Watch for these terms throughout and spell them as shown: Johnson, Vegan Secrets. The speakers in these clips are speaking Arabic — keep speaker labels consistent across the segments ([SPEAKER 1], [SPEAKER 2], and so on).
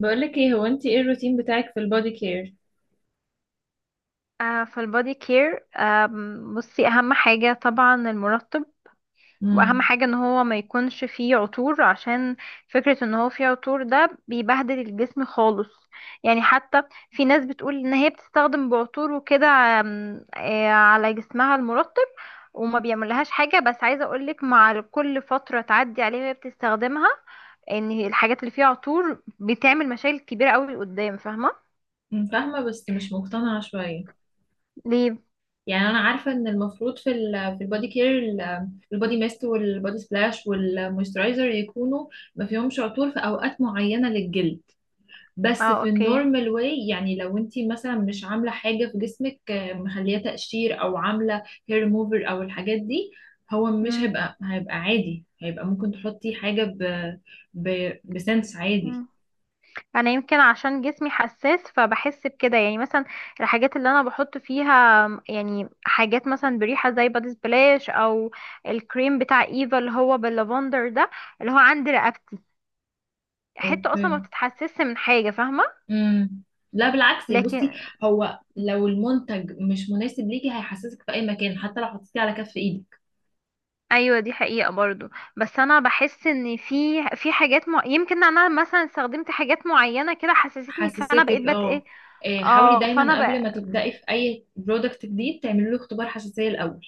[SPEAKER 1] بقولك ايه، هو انت ايه الروتين بتاعك في البودي كير؟
[SPEAKER 2] في البودي كير بصي، اهم حاجة طبعا المرطب. واهم
[SPEAKER 1] امم.
[SPEAKER 2] حاجة ان هو ما يكونش فيه عطور، عشان فكرة ان هو فيه عطور ده بيبهدل الجسم خالص. يعني حتى في ناس بتقول ان هي بتستخدم بعطور وكده، آم، آه، على جسمها المرطب، وما بيعملهاش حاجة. بس عايزة اقولك، مع كل فترة تعدي عليها وهي بتستخدمها، ان الحاجات اللي فيها عطور بتعمل مشاكل كبيرة قوي قدام. فاهمة؟
[SPEAKER 1] فاهمة بس مش مقتنعة شوية.
[SPEAKER 2] ليه؟
[SPEAKER 1] يعني أنا عارفة إن المفروض في البودي كير البودي ميست والبودي سبلاش والمويسترايزر يكونوا ما فيهمش عطور في أوقات معينة للجلد. بس
[SPEAKER 2] اه،
[SPEAKER 1] في
[SPEAKER 2] اوكي.
[SPEAKER 1] النورمال واي، يعني لو أنتي مثلا مش عاملة حاجة في جسمك، مخلية تقشير أو عاملة هير ريموفر أو الحاجات دي. هو مش
[SPEAKER 2] مم.
[SPEAKER 1] هيبقى عادي، هيبقى ممكن تحطي حاجة ب ب بسنس عادي.
[SPEAKER 2] مم. انا يمكن عشان جسمي حساس فبحس بكده، يعني مثلا الحاجات اللي انا بحط فيها يعني حاجات مثلا بريحه، زي بادي سبلاش او الكريم بتاع ايفا اللي هو باللافندر ده، اللي هو عند رقبتي، حته اصلا
[SPEAKER 1] اوكي.
[SPEAKER 2] ما بتتحسسش من حاجه. فاهمه؟
[SPEAKER 1] امم. لا، بالعكس، يعني بصي،
[SPEAKER 2] لكن.
[SPEAKER 1] هو لو المنتج مش مناسب ليكي هيحسسك في اي مكان، حتى لو حطيتيه على كف ايدك.
[SPEAKER 2] ايوه، دي حقيقه برضو. بس انا بحس ان في حاجات يمكن انا مثلا استخدمت حاجات معينه كده حسستني، فانا
[SPEAKER 1] حسستك،
[SPEAKER 2] بقيت بت
[SPEAKER 1] اه.
[SPEAKER 2] ايه.
[SPEAKER 1] إيه، حاولي
[SPEAKER 2] اه، فانا
[SPEAKER 1] دايما قبل ما تبدأي في اي برودكت جديد تعملي له اختبار حساسية الاول.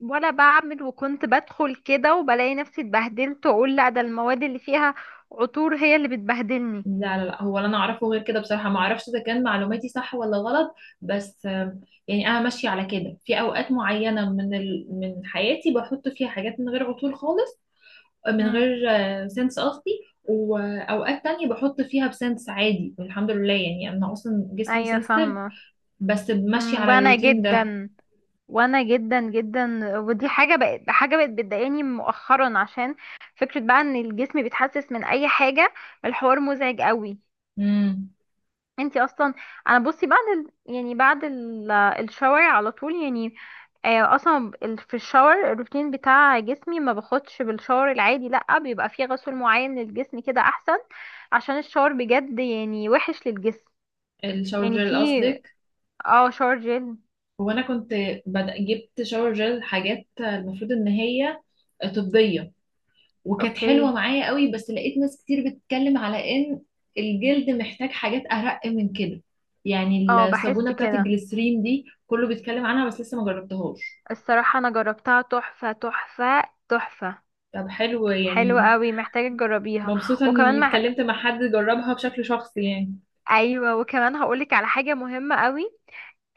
[SPEAKER 2] ولا بعمل، وكنت بدخل كده وبلاقي نفسي اتبهدلت، واقول لا، ده المواد اللي فيها عطور هي اللي بتبهدلني.
[SPEAKER 1] لا، لا، لا، هو اللي انا اعرفه غير كده، بصراحة ما اعرفش اذا كان معلوماتي صح ولا غلط. بس يعني انا ماشية على كده في اوقات معينة من حياتي، بحط فيها حاجات من غير عطول خالص، من
[SPEAKER 2] امم.
[SPEAKER 1] غير سنس قصدي. واوقات تانية بحط فيها بسنس عادي، الحمد لله، يعني انا اصلا جسمي
[SPEAKER 2] ايوه،
[SPEAKER 1] سنسيتيف.
[SPEAKER 2] فاهمه.
[SPEAKER 1] بس ماشي على
[SPEAKER 2] وانا
[SPEAKER 1] الروتين ده.
[SPEAKER 2] جدا، وانا جدا جدا، ودي حاجه بقت بتضايقني مؤخرا، عشان فكره بقى ان الجسم بيتحسس من اي حاجه. الحوار مزعج قوي.
[SPEAKER 1] امم.
[SPEAKER 2] انتي اصلا. انا بصي بعد الشاور على طول، يعني اصلا في الشاور الروتين بتاع جسمي ما باخدش بالشاور العادي، لا بيبقى فيه غسول معين للجسم، كده احسن، عشان الشاور بجد يعني وحش للجسم.
[SPEAKER 1] الشاور
[SPEAKER 2] يعني
[SPEAKER 1] جel
[SPEAKER 2] فيه.
[SPEAKER 1] قصدك؟
[SPEAKER 2] اه، شاور جل.
[SPEAKER 1] هو انا كنت جبت شاور جel حاجات المفروض ان هي طبية، وكانت
[SPEAKER 2] اوكي.
[SPEAKER 1] حلوة معايا قوي، بس لقيت ناس كتير بتتكلم على ان الجلد محتاج حاجات ارق من كده. يعني
[SPEAKER 2] اه، بحس
[SPEAKER 1] الصابونة بتاعت
[SPEAKER 2] كده.
[SPEAKER 1] الجليسرين دي كله بيتكلم عنها، بس لسه ما جربتهاش.
[SPEAKER 2] الصراحة انا جربتها، تحفة تحفة. تحفة.
[SPEAKER 1] طب حلو
[SPEAKER 2] حلوة
[SPEAKER 1] يعني.
[SPEAKER 2] قوي، محتاجة تجربيها.
[SPEAKER 1] مبسوطة
[SPEAKER 2] وكمان
[SPEAKER 1] اني
[SPEAKER 2] مع...
[SPEAKER 1] اتكلمت مع حد جربها بشكل شخصي يعني.
[SPEAKER 2] ايوه، وكمان هقولك على حاجة مهمة قوي.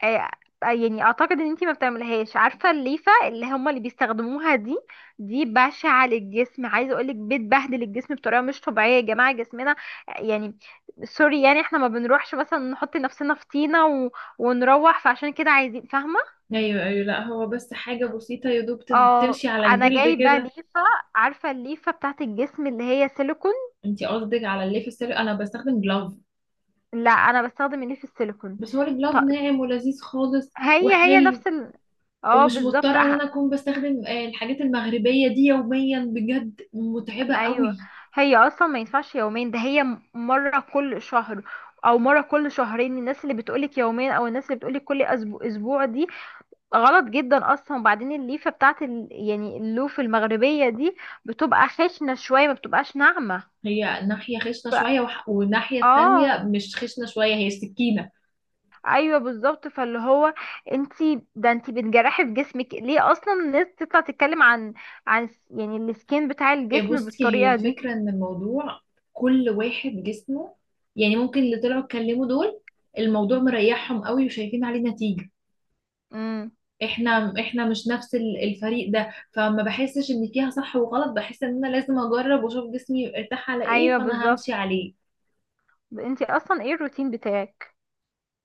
[SPEAKER 2] آه، يعني اعتقد ان انتي ما بتعمليهاش. عارفه الليفه اللي هما اللي بيستخدموها دي بشعه للجسم، عايزه اقولك بتبهدل الجسم بطريقه مش طبيعيه. يا جماعه جسمنا، يعني سوري، يعني احنا ما بنروحش مثلا نحط نفسنا في طينه ونروح، فعشان كده عايزين. فاهمه؟
[SPEAKER 1] ايوه، ايوه، لا هو بس حاجة بسيطة يا دوب
[SPEAKER 2] اه،
[SPEAKER 1] تمشي على
[SPEAKER 2] انا
[SPEAKER 1] الجلد
[SPEAKER 2] جايبه
[SPEAKER 1] كده.
[SPEAKER 2] ليفه. عارفه الليفه بتاعت الجسم اللي هي سيليكون؟
[SPEAKER 1] انتي قصدك على الليف السيري؟ انا بستخدم جلاف.
[SPEAKER 2] لا، انا بستخدم الليف السيليكون.
[SPEAKER 1] بس هو الجلاف
[SPEAKER 2] ط-
[SPEAKER 1] ناعم ولذيذ خالص
[SPEAKER 2] هي
[SPEAKER 1] وحلو.
[SPEAKER 2] نفس اه،
[SPEAKER 1] ومش
[SPEAKER 2] بالظبط.
[SPEAKER 1] مضطرة ان انا اكون بستخدم الحاجات المغربية دي يوميا، بجد متعبة
[SPEAKER 2] ايوه،
[SPEAKER 1] قوي.
[SPEAKER 2] هي اصلا ما ينفعش يومين، ده هي مره كل شهر او مره كل شهرين. الناس اللي بتقولك يومين او الناس اللي بتقولك كل اسبوع اسبوع دي غلط جدا اصلا. وبعدين الليفه بتاعت يعني اللوف المغربيه دي بتبقى خشنه شويه، ما بتبقاش ناعمه.
[SPEAKER 1] هي ناحية خشنة
[SPEAKER 2] ف...
[SPEAKER 1] شوية والناحية
[SPEAKER 2] اه.
[SPEAKER 1] التانية مش خشنة شوية، هي سكينة.
[SPEAKER 2] ايوه، بالظبط، فاللي هو انتي بتجرحي في جسمك. ليه اصلا الناس تطلع تتكلم عن يعني السكين بتاع
[SPEAKER 1] إيه،
[SPEAKER 2] الجسم
[SPEAKER 1] بصي، هي
[SPEAKER 2] بالطريقه دي؟
[SPEAKER 1] الفكرة ان الموضوع كل واحد جسمه، يعني ممكن اللي طلعوا اتكلموا دول الموضوع مريحهم قوي وشايفين عليه نتيجة.
[SPEAKER 2] امم.
[SPEAKER 1] احنا مش نفس الفريق ده، فما بحسش ان فيها صح وغلط، بحس ان انا لازم اجرب واشوف جسمي ارتاح على ايه،
[SPEAKER 2] ايوه،
[SPEAKER 1] فانا همشي
[SPEAKER 2] بالظبط.
[SPEAKER 1] عليه.
[SPEAKER 2] انتي اصلا ايه الروتين بتاعك؟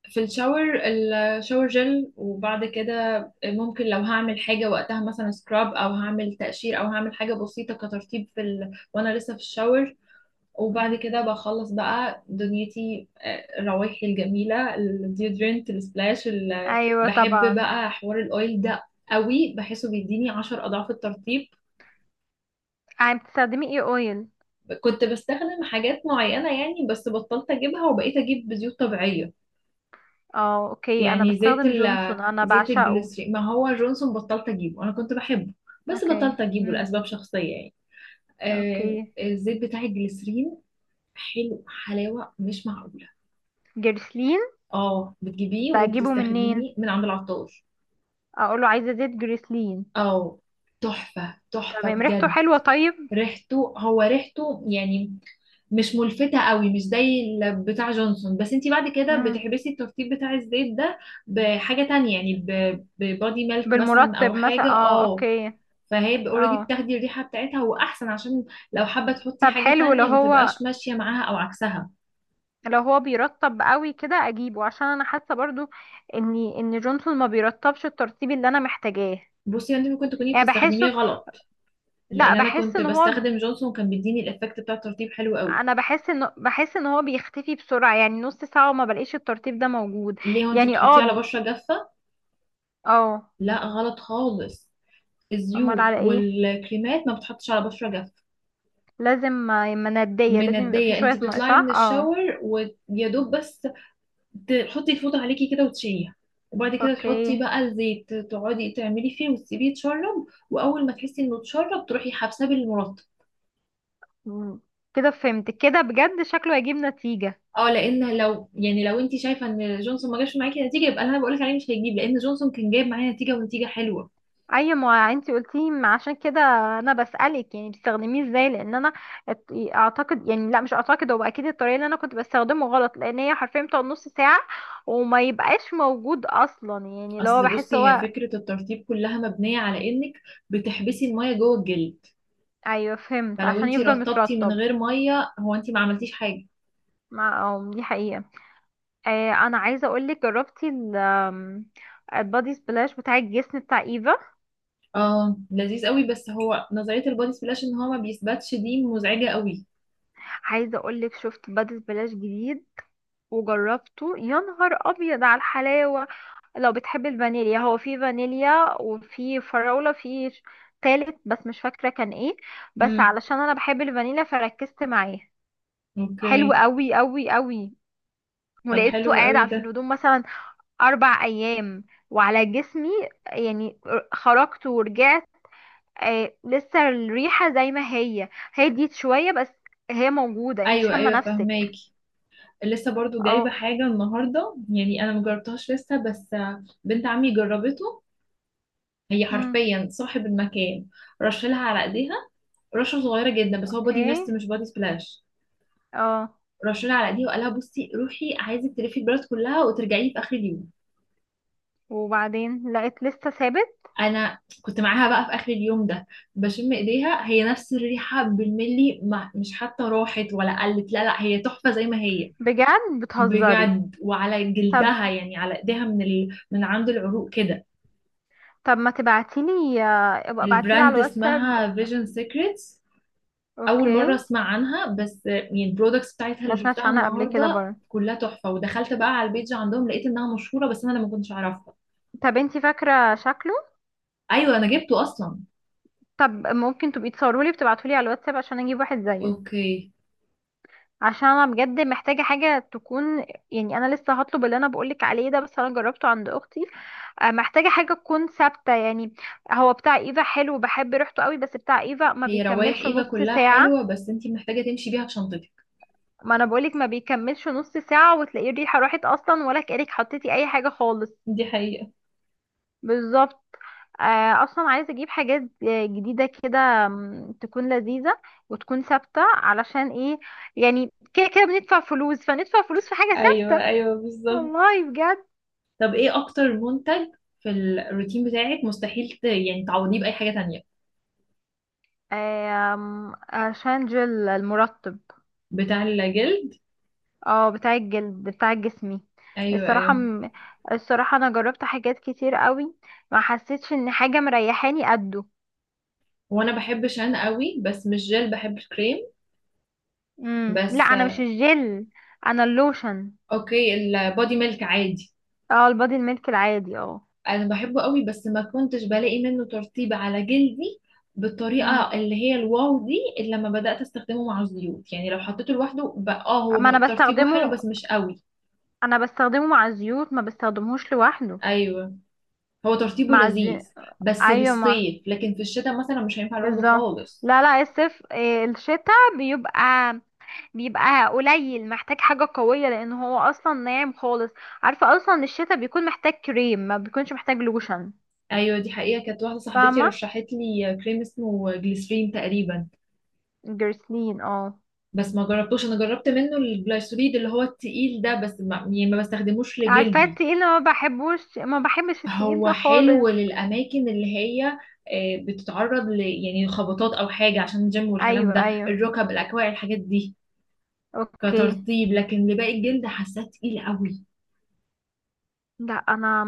[SPEAKER 1] في الشاور، الشاور جل، وبعد كده ممكن لو هعمل حاجة وقتها، مثلا سكراب، او هعمل تقشير، او هعمل حاجة بسيطة كترطيب وانا لسه في الشاور. وبعد
[SPEAKER 2] امم.
[SPEAKER 1] كده بخلص بقى دنيتي، روايحي الجميلة، الديودرنت، السبلاش،
[SPEAKER 2] ايوه،
[SPEAKER 1] بحب
[SPEAKER 2] طبعا.
[SPEAKER 1] بقى حوار الاويل ده قوي، بحسه بيديني 10 أضعاف الترطيب.
[SPEAKER 2] عم بتستخدمي ايه اويل؟
[SPEAKER 1] كنت بستخدم حاجات معينة يعني، بس بطلت أجيبها وبقيت أجيب زيوت طبيعية.
[SPEAKER 2] اه، اوكي، انا
[SPEAKER 1] يعني
[SPEAKER 2] بستخدم جونسون، انا
[SPEAKER 1] زيت
[SPEAKER 2] بعشقه.
[SPEAKER 1] الجليسرين، ما هو جونسون بطلت أجيبه، أنا كنت بحبه، بس
[SPEAKER 2] اوكي.
[SPEAKER 1] بطلت أجيبه
[SPEAKER 2] امم.
[SPEAKER 1] لأسباب شخصية يعني.
[SPEAKER 2] اوكي،
[SPEAKER 1] الزيت بتاع الجليسرين حلو، حلاوة مش معقولة.
[SPEAKER 2] جريسلين.
[SPEAKER 1] اه، بتجيبيه
[SPEAKER 2] بجيبه
[SPEAKER 1] وبتستخدميه
[SPEAKER 2] منين؟
[SPEAKER 1] من عند العطار.
[SPEAKER 2] اقوله عايزه زيت جريسلين؟
[SPEAKER 1] اه، تحفة تحفة
[SPEAKER 2] تمام، ريحته
[SPEAKER 1] بجد.
[SPEAKER 2] حلوه، طيب.
[SPEAKER 1] ريحته، هو ريحته يعني، مش ملفتة قوي، مش زي بتاع جونسون، بس انتي بعد كده
[SPEAKER 2] امم
[SPEAKER 1] بتحبسي الترطيب بتاع الزيت ده بحاجة تانية، يعني ببادي ميلك مثلا
[SPEAKER 2] بالمرطب
[SPEAKER 1] او
[SPEAKER 2] مثلا،
[SPEAKER 1] حاجة،
[SPEAKER 2] اه
[SPEAKER 1] اه.
[SPEAKER 2] اوكي.
[SPEAKER 1] فهي اوريدي
[SPEAKER 2] اه،
[SPEAKER 1] بتاخدي الريحة بتاعتها، واحسن عشان لو حابة تحطي
[SPEAKER 2] طب
[SPEAKER 1] حاجة
[SPEAKER 2] حلو، لو
[SPEAKER 1] تانية ما
[SPEAKER 2] هو
[SPEAKER 1] تبقاش ماشية معاها او عكسها.
[SPEAKER 2] لو هو بيرطب قوي كده اجيبه، عشان انا حاسه برضو ان جونسون ما بيرطبش الترطيب اللي انا محتاجاه.
[SPEAKER 1] بصي، انت ممكن تكوني
[SPEAKER 2] يعني
[SPEAKER 1] بتستخدميه
[SPEAKER 2] بحسه،
[SPEAKER 1] غلط،
[SPEAKER 2] لا،
[SPEAKER 1] لان انا
[SPEAKER 2] بحس
[SPEAKER 1] كنت
[SPEAKER 2] ان هو.
[SPEAKER 1] بستخدم جونسون كان بيديني الايفكت بتاع الترطيب حلو قوي.
[SPEAKER 2] انا بحس ان هو بيختفي بسرعة، يعني نص ساعة وما بلاقيش الترتيب ده موجود.
[SPEAKER 1] ليه؟ وانتي
[SPEAKER 2] يعني
[SPEAKER 1] بتحطيه على
[SPEAKER 2] اه.
[SPEAKER 1] بشرة جافة؟
[SPEAKER 2] اه.
[SPEAKER 1] لا، غلط خالص.
[SPEAKER 2] امال
[SPEAKER 1] الزيوت
[SPEAKER 2] على ايه؟
[SPEAKER 1] والكريمات ما بتحطش على بشرة جافة.
[SPEAKER 2] لازم. مندية، لازم يبقى في
[SPEAKER 1] مندية،
[SPEAKER 2] شوية
[SPEAKER 1] انتي
[SPEAKER 2] ماء،
[SPEAKER 1] بتطلعي
[SPEAKER 2] صح،
[SPEAKER 1] من
[SPEAKER 2] اه،
[SPEAKER 1] الشاور ويا دوب بس تحطي الفوطة عليكي كده وتشيليها، وبعد كده تحطي
[SPEAKER 2] اوكي.
[SPEAKER 1] بقى الزيت، تقعدي تعملي فيه وتسيبيه يتشرب، واول ما تحسي انه اتشرب تروحي حابساه بالمرطب.
[SPEAKER 2] مم. كده فهمت، كده بجد شكله هيجيب نتيجة.
[SPEAKER 1] اه، لان لو انت شايفه ان جونسون ما جابش معاكي نتيجه، يبقى اللي انا بقولك عليه مش هيجيب، لان جونسون كان جايب معايا نتيجه، ونتيجه حلوه.
[SPEAKER 2] اي، ما انتي قلتي، ما عشان كده انا بسألك، يعني بتستخدميه ازاي؟ لان انا ات- اعتقد، يعني لا، مش اعتقد، هو اكيد الطريقه اللي انا كنت بستخدمه غلط، لان هي حرفيا بتقعد نص ساعه وما يبقاش موجود اصلا. يعني لو هو
[SPEAKER 1] اصل
[SPEAKER 2] بحس
[SPEAKER 1] بصي، هي
[SPEAKER 2] هو.
[SPEAKER 1] فكره الترطيب كلها مبنيه على انك بتحبسي الميه جوه الجلد،
[SPEAKER 2] ايوه، فهمت،
[SPEAKER 1] فلو
[SPEAKER 2] عشان
[SPEAKER 1] انت
[SPEAKER 2] يفضل
[SPEAKER 1] رطبتي من
[SPEAKER 2] مترطب.
[SPEAKER 1] غير ميه، هو انت ما عملتيش حاجه.
[SPEAKER 2] مع، دي حقيقه. انا عايزه اقولك، جربتي ال آم، البادي سبلاش بتاع الجسم بتاع ايفا؟
[SPEAKER 1] اه، لذيذ قوي، بس هو نظريه البودي سبلاش ان هو ما بيثبتش دي مزعجه قوي.
[SPEAKER 2] عايزه اقولك شفت بادي سبلاش جديد وجربته، يا نهار ابيض على الحلاوه. لو بتحب الفانيليا، هو في فانيليا وفي فراولة، في تالت بس مش فاكرة كان ايه، بس
[SPEAKER 1] امم.
[SPEAKER 2] علشان انا بحب الفانيليا فركزت معاه. حلو
[SPEAKER 1] اوكي.
[SPEAKER 2] قوي قوي قوي،
[SPEAKER 1] طب
[SPEAKER 2] ولقيته
[SPEAKER 1] حلو
[SPEAKER 2] قاعد
[SPEAKER 1] قوي
[SPEAKER 2] في
[SPEAKER 1] ده.
[SPEAKER 2] الهدوم مثلا 4 ايام، وعلى جسمي، يعني خرجت ورجعت لسه الريحة زي ما هي، هديت شوية بس هي موجودة، انت
[SPEAKER 1] ايوه،
[SPEAKER 2] شامة
[SPEAKER 1] ايوه،
[SPEAKER 2] نفسك؟
[SPEAKER 1] فهماكي. لسه برضو
[SPEAKER 2] اه.
[SPEAKER 1] جايبه حاجه النهارده، يعني انا مجربتهاش لسه بس. بنت عمي جربته، هي
[SPEAKER 2] امم.
[SPEAKER 1] حرفيا صاحب المكان، رشلها على ايديها، رشه صغيره جدا، بس هو بودي
[SPEAKER 2] اوكي.
[SPEAKER 1] ميست مش بودي سبلاش.
[SPEAKER 2] اه،
[SPEAKER 1] رشولة على ايديها وقال لها، بصي روحي عايزك تلفي البلد كلها وترجعي في اخر اليوم.
[SPEAKER 2] وبعدين لقيت لسه ثابت؟
[SPEAKER 1] انا كنت معاها بقى في اخر اليوم ده، بشم ايديها، هي نفس الريحه بالملي، ما مش حتى راحت ولا قلت، لا لا، هي تحفه زي ما هي.
[SPEAKER 2] بجد بتهزري؟
[SPEAKER 1] بجد، وعلى
[SPEAKER 2] طب
[SPEAKER 1] جلدها يعني، على ايديها من عند العروق كده.
[SPEAKER 2] طب ما تبعتيلي، ابقى ابعتيلي على
[SPEAKER 1] البراند
[SPEAKER 2] الواتساب.
[SPEAKER 1] اسمها فيجن سيكريتس. اول
[SPEAKER 2] اوكي.
[SPEAKER 1] مره اسمع عنها، بس يعني البرودكتس بتاعتها
[SPEAKER 2] ما
[SPEAKER 1] اللي
[SPEAKER 2] سمعتش
[SPEAKER 1] شفتها
[SPEAKER 2] عنها قبل كده
[SPEAKER 1] النهارده
[SPEAKER 2] برضه.
[SPEAKER 1] كلها تحفه، ودخلت بقى على البيج عندهم لقيت انها مشهوره، بس انا ما كنتش اعرفها.
[SPEAKER 2] طب انتي فاكرة شكله؟
[SPEAKER 1] ايوه، انا جبته اصلا.
[SPEAKER 2] طب ممكن تبقي تصورولي بتبعتولي على الواتساب عشان اجيب واحد زيه؟
[SPEAKER 1] اوكي.
[SPEAKER 2] عشان انا بجد محتاجة حاجة تكون، يعني انا لسه هطلب اللي انا بقولك عليه ده، بس انا جربته عند اختي. محتاجة حاجة تكون ثابتة يعني. هو بتاع ايفا حلو بحب ريحته قوي، بس بتاع ايفا ما
[SPEAKER 1] هي روايح
[SPEAKER 2] بيكملش
[SPEAKER 1] ايفا
[SPEAKER 2] نص
[SPEAKER 1] كلها
[SPEAKER 2] ساعة.
[SPEAKER 1] حلوة، بس انتي محتاجة تمشي بيها في شنطتك.
[SPEAKER 2] ما انا بقولك، ما بيكملش نص ساعة وتلاقيه الريحة راحت اصلا، ولا كأنك حطيتي اي حاجة خالص.
[SPEAKER 1] دي حقيقة.
[SPEAKER 2] بالظبط. اصلا عايزه اجيب حاجات جديده كده، تكون لذيذه وتكون ثابته، علشان ايه؟ يعني كده كده بندفع فلوس فندفع فلوس في حاجه
[SPEAKER 1] ايوه،
[SPEAKER 2] ثابته.
[SPEAKER 1] ايوه، بالظبط.
[SPEAKER 2] والله بجد.
[SPEAKER 1] طب ايه اكتر منتج في الروتين بتاعك مستحيل يعني تعوضيه بأي حاجة تانية؟
[SPEAKER 2] عشان جل المرطب.
[SPEAKER 1] بتاع الجلد.
[SPEAKER 2] اه، بتاع الجلد، بتاع جسمي.
[SPEAKER 1] ايوه،
[SPEAKER 2] الصراحه
[SPEAKER 1] ايوه،
[SPEAKER 2] م- الصراحه انا جربت حاجات كتير قوي، ما حسيتش ان حاجه مريحاني قده.
[SPEAKER 1] وانا بحب شان قوي، بس مش جل، بحب الكريم
[SPEAKER 2] لا،
[SPEAKER 1] بس.
[SPEAKER 2] انا مش الجل، انا اللوشن.
[SPEAKER 1] اوكي، البودي ميلك عادي.
[SPEAKER 2] اه، البادي الميلك العادي، اه.
[SPEAKER 1] انا بحبه قوي، بس ما كنتش بلاقي منه ترطيب على جلدي
[SPEAKER 2] مم.
[SPEAKER 1] بالطريقه اللي هي الواو دي، الا لما بدات استخدمه مع الزيوت، يعني لو حطيته لوحده بقى، اه هو
[SPEAKER 2] ما انا
[SPEAKER 1] ترطيبه حلو
[SPEAKER 2] بستخدمه
[SPEAKER 1] بس مش قوي.
[SPEAKER 2] انا بستخدمه مع الزيوت، ما بستخدمهوش لوحده.
[SPEAKER 1] ايوه، هو ترطيبه
[SPEAKER 2] مع الزي...
[SPEAKER 1] لذيذ، بس
[SPEAKER 2] ايوه، ما
[SPEAKER 1] للصيف، لكن في الشتاء مثلا مش هينفع لوحده
[SPEAKER 2] بالظبط.
[SPEAKER 1] خالص.
[SPEAKER 2] لا لا، الصيف الشتاء بيبقى قليل، محتاج حاجة قوية، لان هو اصلا ناعم خالص. عارفة اصلا الشتاء بيكون محتاج كريم، ما بيكونش محتاج لوشن.
[SPEAKER 1] ايوه، دي حقيقه، كانت واحده صاحبتي
[SPEAKER 2] فاهمة.
[SPEAKER 1] رشحت لي كريم اسمه جليسرين تقريبا،
[SPEAKER 2] جرسلين، اه.
[SPEAKER 1] بس ما جربتوش. انا جربت منه الجليسريد اللي هو التقيل ده، بس ما بستخدموش
[SPEAKER 2] عارفة
[SPEAKER 1] لجلدي.
[SPEAKER 2] التقيل، أنا ما بحبش التقيل
[SPEAKER 1] هو
[SPEAKER 2] ده
[SPEAKER 1] حلو
[SPEAKER 2] خالص.
[SPEAKER 1] للأماكن اللي هي بتتعرض يعني خبطات أو حاجة عشان الجيم والكلام
[SPEAKER 2] ايوه
[SPEAKER 1] ده،
[SPEAKER 2] ايوه،
[SPEAKER 1] الركب، الأكواع، الحاجات دي،
[SPEAKER 2] اوكي.
[SPEAKER 1] كترطيب، لكن لباقي الجلد حاساه تقيل قوي.
[SPEAKER 2] لا، انا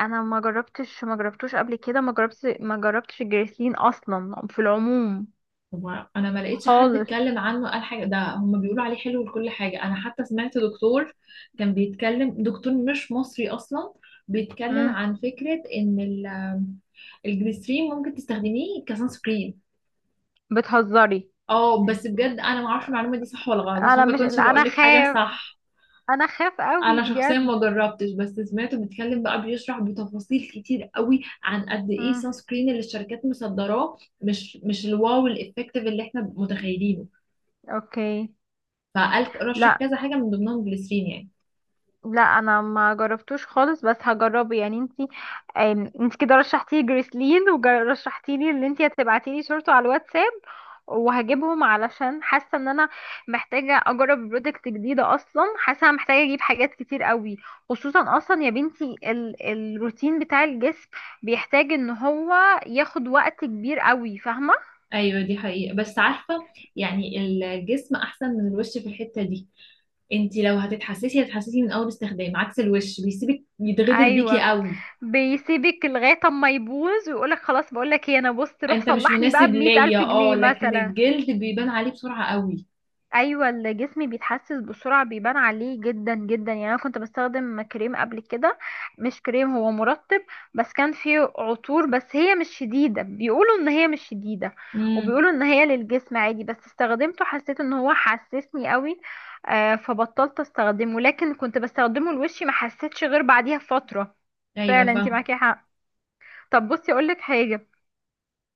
[SPEAKER 2] انا ما جربتش، ما جربتوش قبل كده، ما جربتش الجريسلين اصلا في العموم
[SPEAKER 1] هو أنا ما لقيتش حد
[SPEAKER 2] خالص.
[SPEAKER 1] اتكلم عنه قال حاجة، ده هما بيقولوا عليه حلو لكل حاجة. أنا حتى سمعت دكتور كان بيتكلم، دكتور مش مصري أصلا، بيتكلم
[SPEAKER 2] امم
[SPEAKER 1] عن فكرة إن الجليسرين ممكن تستخدميه كسان سكرين.
[SPEAKER 2] بتهزري.
[SPEAKER 1] اه بس بجد انا ما اعرفش المعلومه دي صح ولا غلط عشان
[SPEAKER 2] انا
[SPEAKER 1] ما
[SPEAKER 2] مش
[SPEAKER 1] اكونش بقول
[SPEAKER 2] انا
[SPEAKER 1] لك حاجه
[SPEAKER 2] خاف،
[SPEAKER 1] صح.
[SPEAKER 2] انا خاف قوي
[SPEAKER 1] انا شخصيا ما
[SPEAKER 2] بجد.
[SPEAKER 1] جربتش، بس سمعته بيتكلم بقى بيشرح بتفاصيل كتير قوي عن قد ايه
[SPEAKER 2] امم،
[SPEAKER 1] سان سكرين اللي الشركات مصدراه مش الواو الافكتيف اللي احنا متخيلينه،
[SPEAKER 2] اوكي.
[SPEAKER 1] فقال رشح
[SPEAKER 2] لا
[SPEAKER 1] كذا حاجه من ضمنهم جليسرين يعني.
[SPEAKER 2] لا، انا ما جربتوش خالص، بس هجربه. يعني انتي انتي كده رشحتي لي جريسلين، ورشحتي لي اللي انتي هتبعتي لي صورته على الواتساب. وهجيبهم علشان حاسه ان انا محتاجه اجرب برودكت جديده اصلا، حاسه انا محتاجه اجيب حاجات كتير قوي، خصوصا اصلا يا بنتي الروتين بتاع الجسم بيحتاج ان هو ياخد وقت كبير قوي. فاهمه؟
[SPEAKER 1] ايوه، دي حقيقه، بس عارفه، يعني الجسم احسن من الوش في الحته دي. انت لو هتتحسسي هتتحسسي من اول استخدام، عكس الوش بيسيبك يتغدر بيكي
[SPEAKER 2] ايوه،
[SPEAKER 1] قوي.
[SPEAKER 2] بيسيبك لغايه اما يبوظ ويقولك خلاص، بقولك ايه، انا بص روح
[SPEAKER 1] انت مش
[SPEAKER 2] صلحني
[SPEAKER 1] مناسب
[SPEAKER 2] بقى بمية
[SPEAKER 1] ليا
[SPEAKER 2] الف
[SPEAKER 1] اه،
[SPEAKER 2] جنيه
[SPEAKER 1] لكن
[SPEAKER 2] مثلا.
[SPEAKER 1] الجلد بيبان عليه بسرعه قوي.
[SPEAKER 2] ايوه، الجسم بيتحسس بسرعه، بيبان عليه جدا جدا. يعني انا كنت بستخدم كريم قبل كده، مش كريم، هو مرطب، بس كان فيه عطور، بس هي مش شديده، بيقولوا ان هي مش شديده،
[SPEAKER 1] امم.
[SPEAKER 2] وبيقولوا ان هي للجسم عادي، بس استخدمته حسيت ان هو حسسني قوي. فبطلت استخدمه، لكن كنت بستخدمه لوشي ما حسيتش غير بعديها فتره.
[SPEAKER 1] ايوه،
[SPEAKER 2] فعلا انت
[SPEAKER 1] فاهم.
[SPEAKER 2] معاكي حق. طب بصي اقولك حاجه،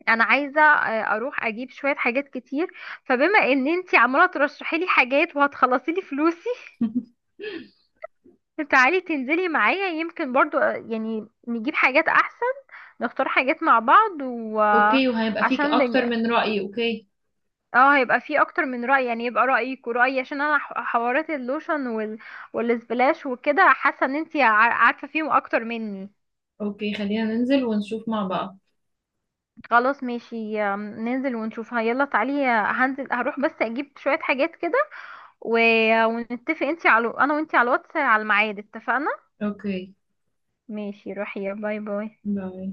[SPEAKER 2] انا عايزه اروح اجيب شويه حاجات كتير، فبما ان انتي عماله ترشحي لي حاجات وهتخلصي لي فلوسي تعالي تنزلي معايا، يمكن برضو، يعني نجيب حاجات احسن، نختار حاجات مع بعض،
[SPEAKER 1] اوكي، وهيبقى فيك
[SPEAKER 2] وعشان
[SPEAKER 1] اكتر من رأي، اوكي.
[SPEAKER 2] اه، هيبقى في اكتر من رأي، يعني يبقى رأيك ورأيي، عشان انا حوارات اللوشن والسبلاش وكده، حاسه ان انتي عارفه فيهم اكتر مني.
[SPEAKER 1] اوكي، خلينا ننزل ونشوف مع بعض.
[SPEAKER 2] خلاص ماشي، ننزل ونشوفها، يلا تعالي. هنزل، هروح بس اجيب شويه حاجات كده و... ونتفق، انتي على انا وانتي على الواتس على الميعاد، اتفقنا؟
[SPEAKER 1] اوكي،
[SPEAKER 2] ماشي، روحي، باي باي.
[SPEAKER 1] باي.